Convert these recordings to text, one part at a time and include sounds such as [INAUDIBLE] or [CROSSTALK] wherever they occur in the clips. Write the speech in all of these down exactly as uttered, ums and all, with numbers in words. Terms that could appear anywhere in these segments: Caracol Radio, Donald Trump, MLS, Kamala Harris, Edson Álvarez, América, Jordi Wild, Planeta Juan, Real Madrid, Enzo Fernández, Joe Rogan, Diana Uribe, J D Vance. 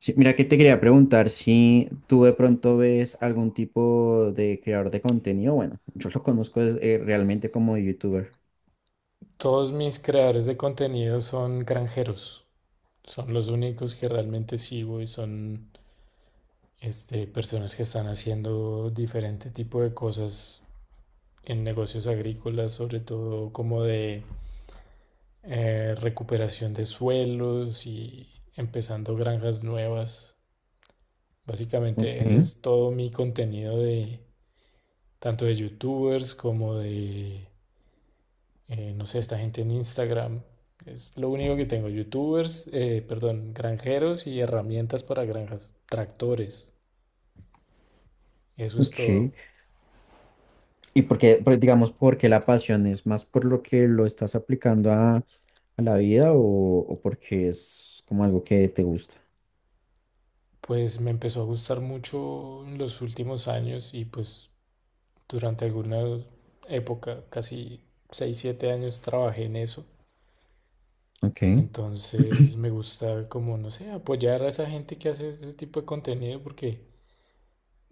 Sí, mira que te quería preguntar si tú de pronto ves algún tipo de creador de contenido. Bueno, yo lo conozco es, eh, realmente como youtuber. Todos mis creadores de contenido son granjeros. Son los únicos que realmente sigo y son este, personas que están haciendo diferente tipo de cosas en negocios agrícolas, sobre todo como de eh, recuperación de suelos y empezando granjas nuevas. Básicamente ese Ok, es todo mi contenido, de tanto de youtubers como de eh, no sé, esta gente en Instagram. Es lo único que tengo: youtubers, eh, perdón, granjeros y herramientas para granjas, tractores, eso es todo. ok. Y porque, digamos, porque la pasión es más por lo que lo estás aplicando a, a la vida, o, o porque es como algo que te gusta. Pues me empezó a gustar mucho en los últimos años y pues durante alguna época, casi seis siete años trabajé en eso. Ok, Entonces me gusta, como, no sé, apoyar a esa gente que hace ese tipo de contenido porque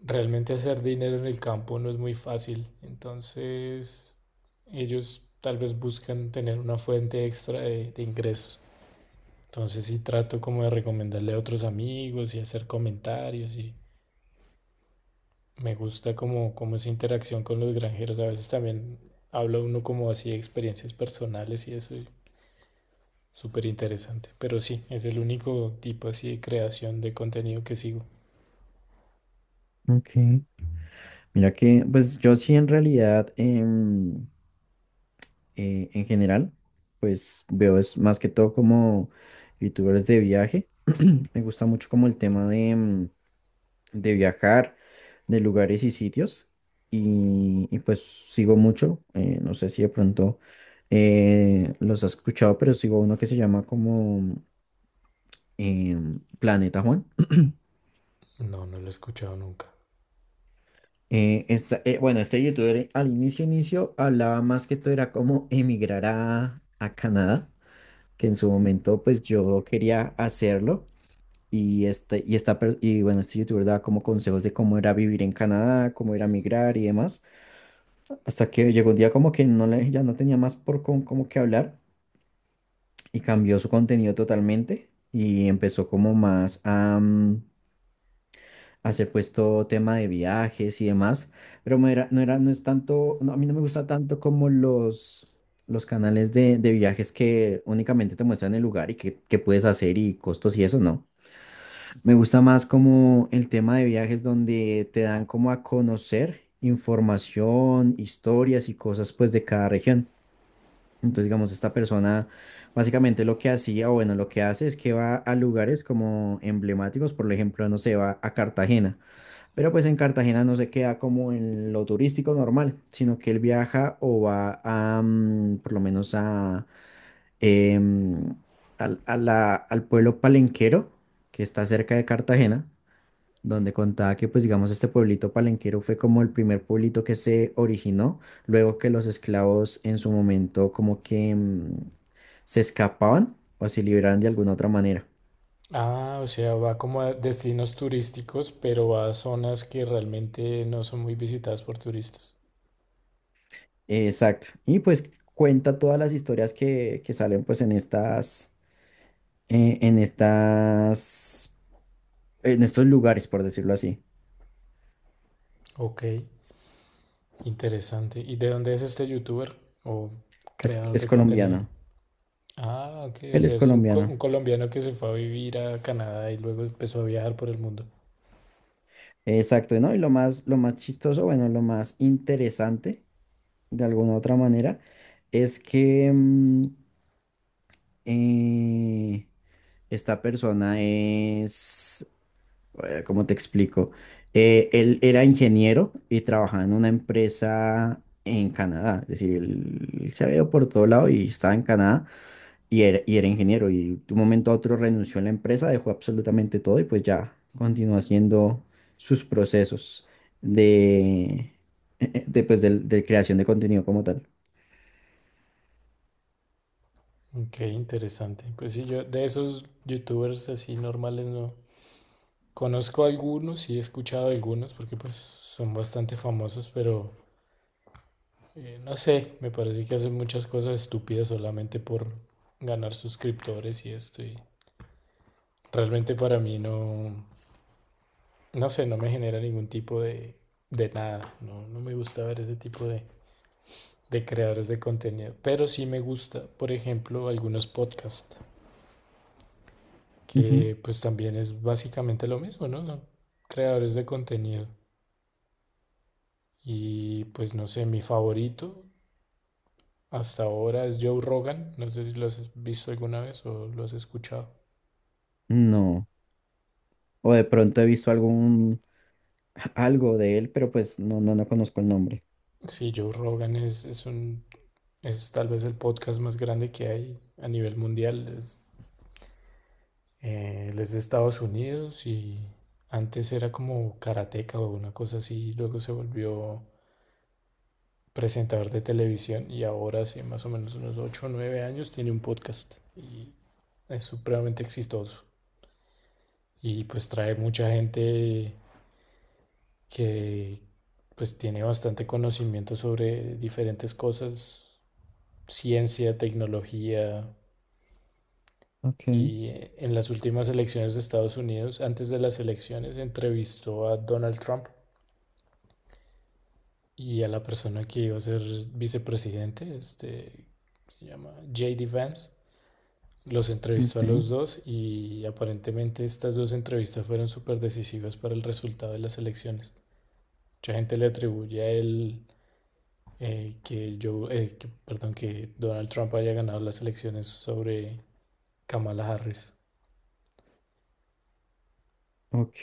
realmente hacer dinero en el campo no es muy fácil, entonces ellos tal vez buscan tener una fuente extra de, de ingresos. Entonces sí trato como de recomendarle a otros amigos y hacer comentarios, y me gusta, como, como esa interacción con los granjeros. A veces también habla uno como así de experiencias personales y eso es súper interesante. Pero sí, es el único tipo así de creación de contenido que sigo. ok. Mira que, pues yo sí en realidad, em, eh, en general, pues veo es más que todo como youtubers de viaje. [CLEARS THROAT] Me gusta mucho como el tema de, mm, de viajar, de lugares y sitios. Y, y pues sigo mucho, eh, no sé si de pronto eh, los has escuchado, pero sigo uno que se llama como eh, Planeta Juan. [CLEARS THROAT] No, no lo he escuchado nunca. Eh, esta- eh, bueno, este youtuber eh, al inicio, inicio hablaba más que todo era como emigrar a, a Canadá, que en su momento pues yo quería hacerlo. Y, este, y, esta, per- y bueno, este youtuber daba como consejos de cómo era vivir en Canadá, cómo era migrar y demás. Hasta que llegó un día como que no le, ya no tenía más por con, como que hablar, y cambió su contenido totalmente y empezó como más a mm, hacer pues todo tema de viajes y demás. Pero no era, no era, no es tanto, no, a mí no me gusta tanto como los, los canales de, de viajes que únicamente te muestran el lugar y qué, qué puedes hacer y costos y eso, ¿no? Me gusta más como el tema de viajes donde te dan como a conocer información, historias y cosas pues de cada región. Entonces, digamos, esta persona básicamente lo que hacía, o bueno, lo que hace es que va a lugares como emblemáticos, por ejemplo, no sé, va a Cartagena, pero pues en Cartagena no se queda como en lo turístico normal, sino que él viaja o va a, mm, por lo menos a, em, al a la- al pueblo palenquero que está cerca de Cartagena, donde contaba que, pues digamos, este pueblito palenquero fue como el primer pueblito que se originó, luego que los esclavos en su momento como que mm, se escapaban o se liberaban de alguna otra manera. Ah, o sea, va como a destinos turísticos, pero va a zonas que realmente no son muy visitadas por turistas. Exacto. Y pues cuenta todas las historias que, que salen pues en estas, eh, en estas, en estos lugares, por decirlo así. Ok, interesante. ¿Y de dónde es este youtuber o Es, creador es de contenido? colombiana. Ah, ok, o Él sea, es es un, co- colombiano. un colombiano que se fue a vivir a Canadá y luego empezó a viajar por el mundo. Exacto, ¿no? Y lo más, lo más chistoso, bueno, lo más interesante de alguna otra manera, es que mm, eh, esta persona es, eh, ¿cómo te explico? Eh, él era ingeniero y trabajaba en una empresa en Canadá, es decir, él, él se había ido por todo lado y estaba en Canadá y era, y era ingeniero, y de un momento a otro renunció a la empresa, dejó absolutamente todo y pues ya continuó haciendo sus procesos de, [LAUGHS] de, pues, del- de creación de contenido como tal. Ok, interesante. Pues sí, yo de esos youtubers así normales no conozco algunos y he escuchado algunos porque pues son bastante famosos, pero... Eh, no sé, me parece que hacen muchas cosas estúpidas solamente por ganar suscriptores y esto. Y realmente para mí, no, no sé, no me genera ningún tipo de, de nada. No, no me gusta ver ese tipo de, de creadores de contenido. Pero sí me gusta, por ejemplo, algunos podcasts, que pues también es básicamente lo mismo, ¿no? Son creadores de contenido. Y pues no sé, mi favorito hasta ahora es Joe Rogan. No sé si lo has visto alguna vez o lo has escuchado. No. O de pronto he visto algún [LAUGHS] algo de él, pero pues no, no, no conozco el nombre. Sí, Joe Rogan es, es un, es tal vez el podcast más grande que hay a nivel mundial. Es, eh, él es de Estados Unidos y antes era como karateca o una cosa así, luego se volvió presentador de televisión, y ahora hace más o menos unos ocho o nueve años tiene un podcast y es supremamente exitoso. Y pues trae mucha gente que pues tiene bastante conocimiento sobre diferentes cosas: ciencia, tecnología... Ok, Y eh, en las últimas elecciones de Estados Unidos, antes de las elecciones, entrevistó a Donald Trump y a la persona que iba a ser vicepresidente, este, se llama J D Vance. Los entrevistó a los ok, dos y aparentemente estas dos entrevistas fueron súper decisivas para el resultado de las elecciones. Mucha gente le atribuye a él eh, que yo, eh, que- perdón, que Donald Trump haya ganado las elecciones sobre Kamala Harris. ok,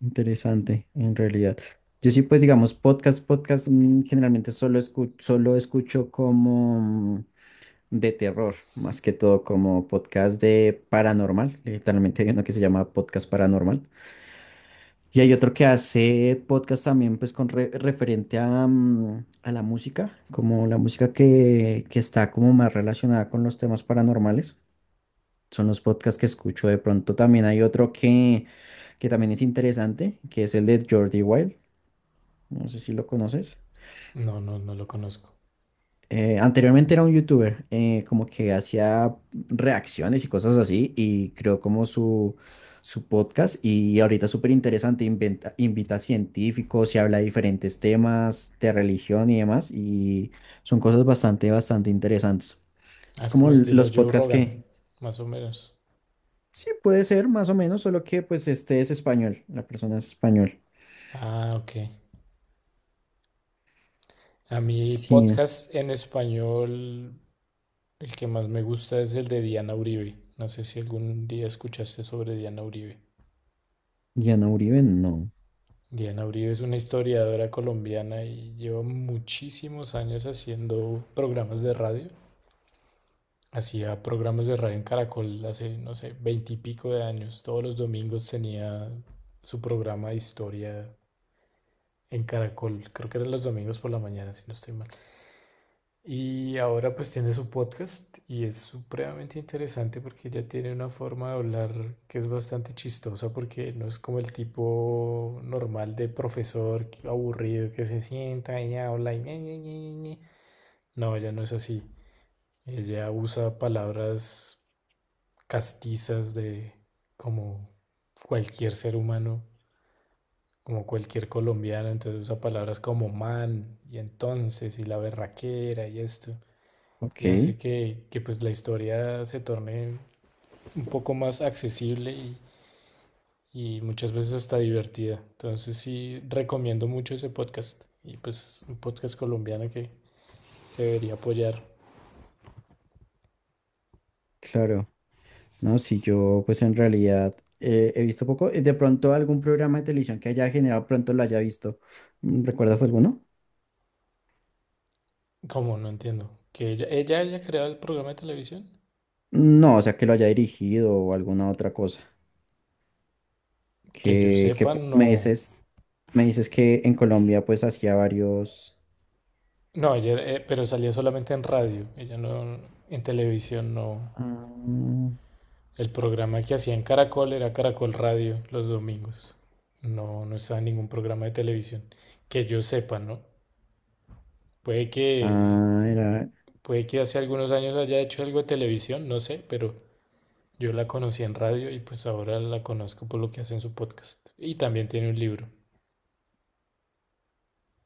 interesante, en realidad. Yo sí, pues digamos, podcast, podcast, mm, generalmente solo escucho, solo escucho como mm, de terror, más que todo como podcast de paranormal. Literalmente [LAUGHS] hay uno que se llama podcast paranormal. Y hay otro que hace podcast también, pues con re- referente a, mm, a la música, como la música que, que está como más relacionada con los temas paranormales. Son los podcasts que escucho de pronto. También hay otro que, que también es interesante, que es el de Jordi Wild. No sé si lo conoces. No, no, no lo conozco. Eh, anteriormente era un youtuber, eh, como que hacía reacciones y cosas así, y creó como su, su podcast, y ahorita es súper interesante, inventa- invita a científicos y habla de diferentes temas de religión y demás, y son cosas bastante, bastante interesantes. Ah, Es es como como l- estilo los Joe podcasts Rogan, que, más o menos. sí, puede ser más o menos, solo que pues este es español, la persona es español. Ah, ok. A mí Sí, podcast en español, el que más me gusta es el de Diana Uribe. No sé si algún día escuchaste sobre Diana Uribe. Diana Uribe, no. Diana Uribe es una historiadora colombiana y lleva muchísimos años haciendo programas de radio. Hacía programas de radio en Caracol hace, no sé, veintipico de años. Todos los domingos tenía su programa de historia en Caracol. Creo que eran los domingos por la mañana, si no estoy mal. Y ahora pues tiene su podcast y es supremamente interesante porque ella tiene una forma de hablar que es bastante chistosa porque no es como el tipo normal de profesor que- aburrido, que se sienta y habla y ñe, ñe, ñe, ñe, ñe. No, ella no es así. Ella usa palabras castizas, de como cualquier ser humano, como cualquier colombiano, entonces usa palabras como "man" y "entonces" y "la berraquera" y esto, Ok, y hace que, que, pues, la historia se torne un poco más accesible y, y muchas veces, hasta divertida. Entonces sí, recomiendo mucho ese podcast, y pues un podcast colombiano que se debería apoyar. claro. No, si yo pues en realidad eh, he visto poco. Eh, De pronto algún programa de televisión que haya generado pronto lo haya visto. Mm, ¿recuerdas alguno? Como no entiendo, que ella, ella haya creado el programa de televisión, No, o sea, que lo haya dirigido o alguna otra cosa. que yo Que, que sepa, pues, no. me dices, me dices que en Colombia pues hacía varios... No, ella, eh, pero salía solamente en radio, ella no, en televisión no. Ah, El programa que hacía en Caracol era Caracol Radio los domingos. No, no estaba en ningún programa de televisión. Que yo sepa, ¿no? Puede que, ah, era... puede que hace algunos años haya hecho algo de televisión, no sé, pero yo la conocí en radio y pues ahora la conozco por lo que hace en su podcast. Y también tiene un libro.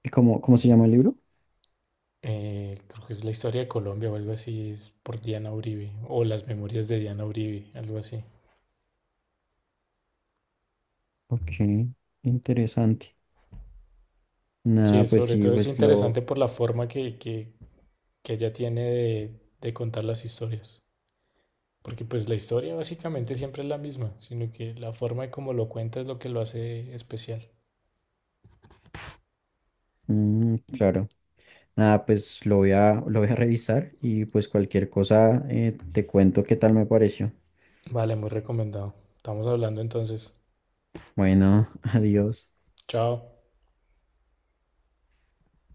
¿Y ¿Cómo, cómo se llama el libro? Eh, creo que es la historia de Colombia o algo así, es por Diana Uribe, o las memorias de Diana Uribe, algo así. Ok, interesante. Sí, Nada, pues sobre sí, todo es pues lo... interesante por la forma que, que, que ella tiene de, de contar las historias. Porque pues la historia básicamente siempre es la misma, sino que la forma de cómo lo cuenta es lo que lo hace especial. Mm, claro. Nada, pues lo voy a, lo voy a revisar y pues cualquier cosa eh, te cuento qué tal me pareció. Vale, muy recomendado. Estamos hablando entonces. Bueno, [LAUGHS] adiós. Chao.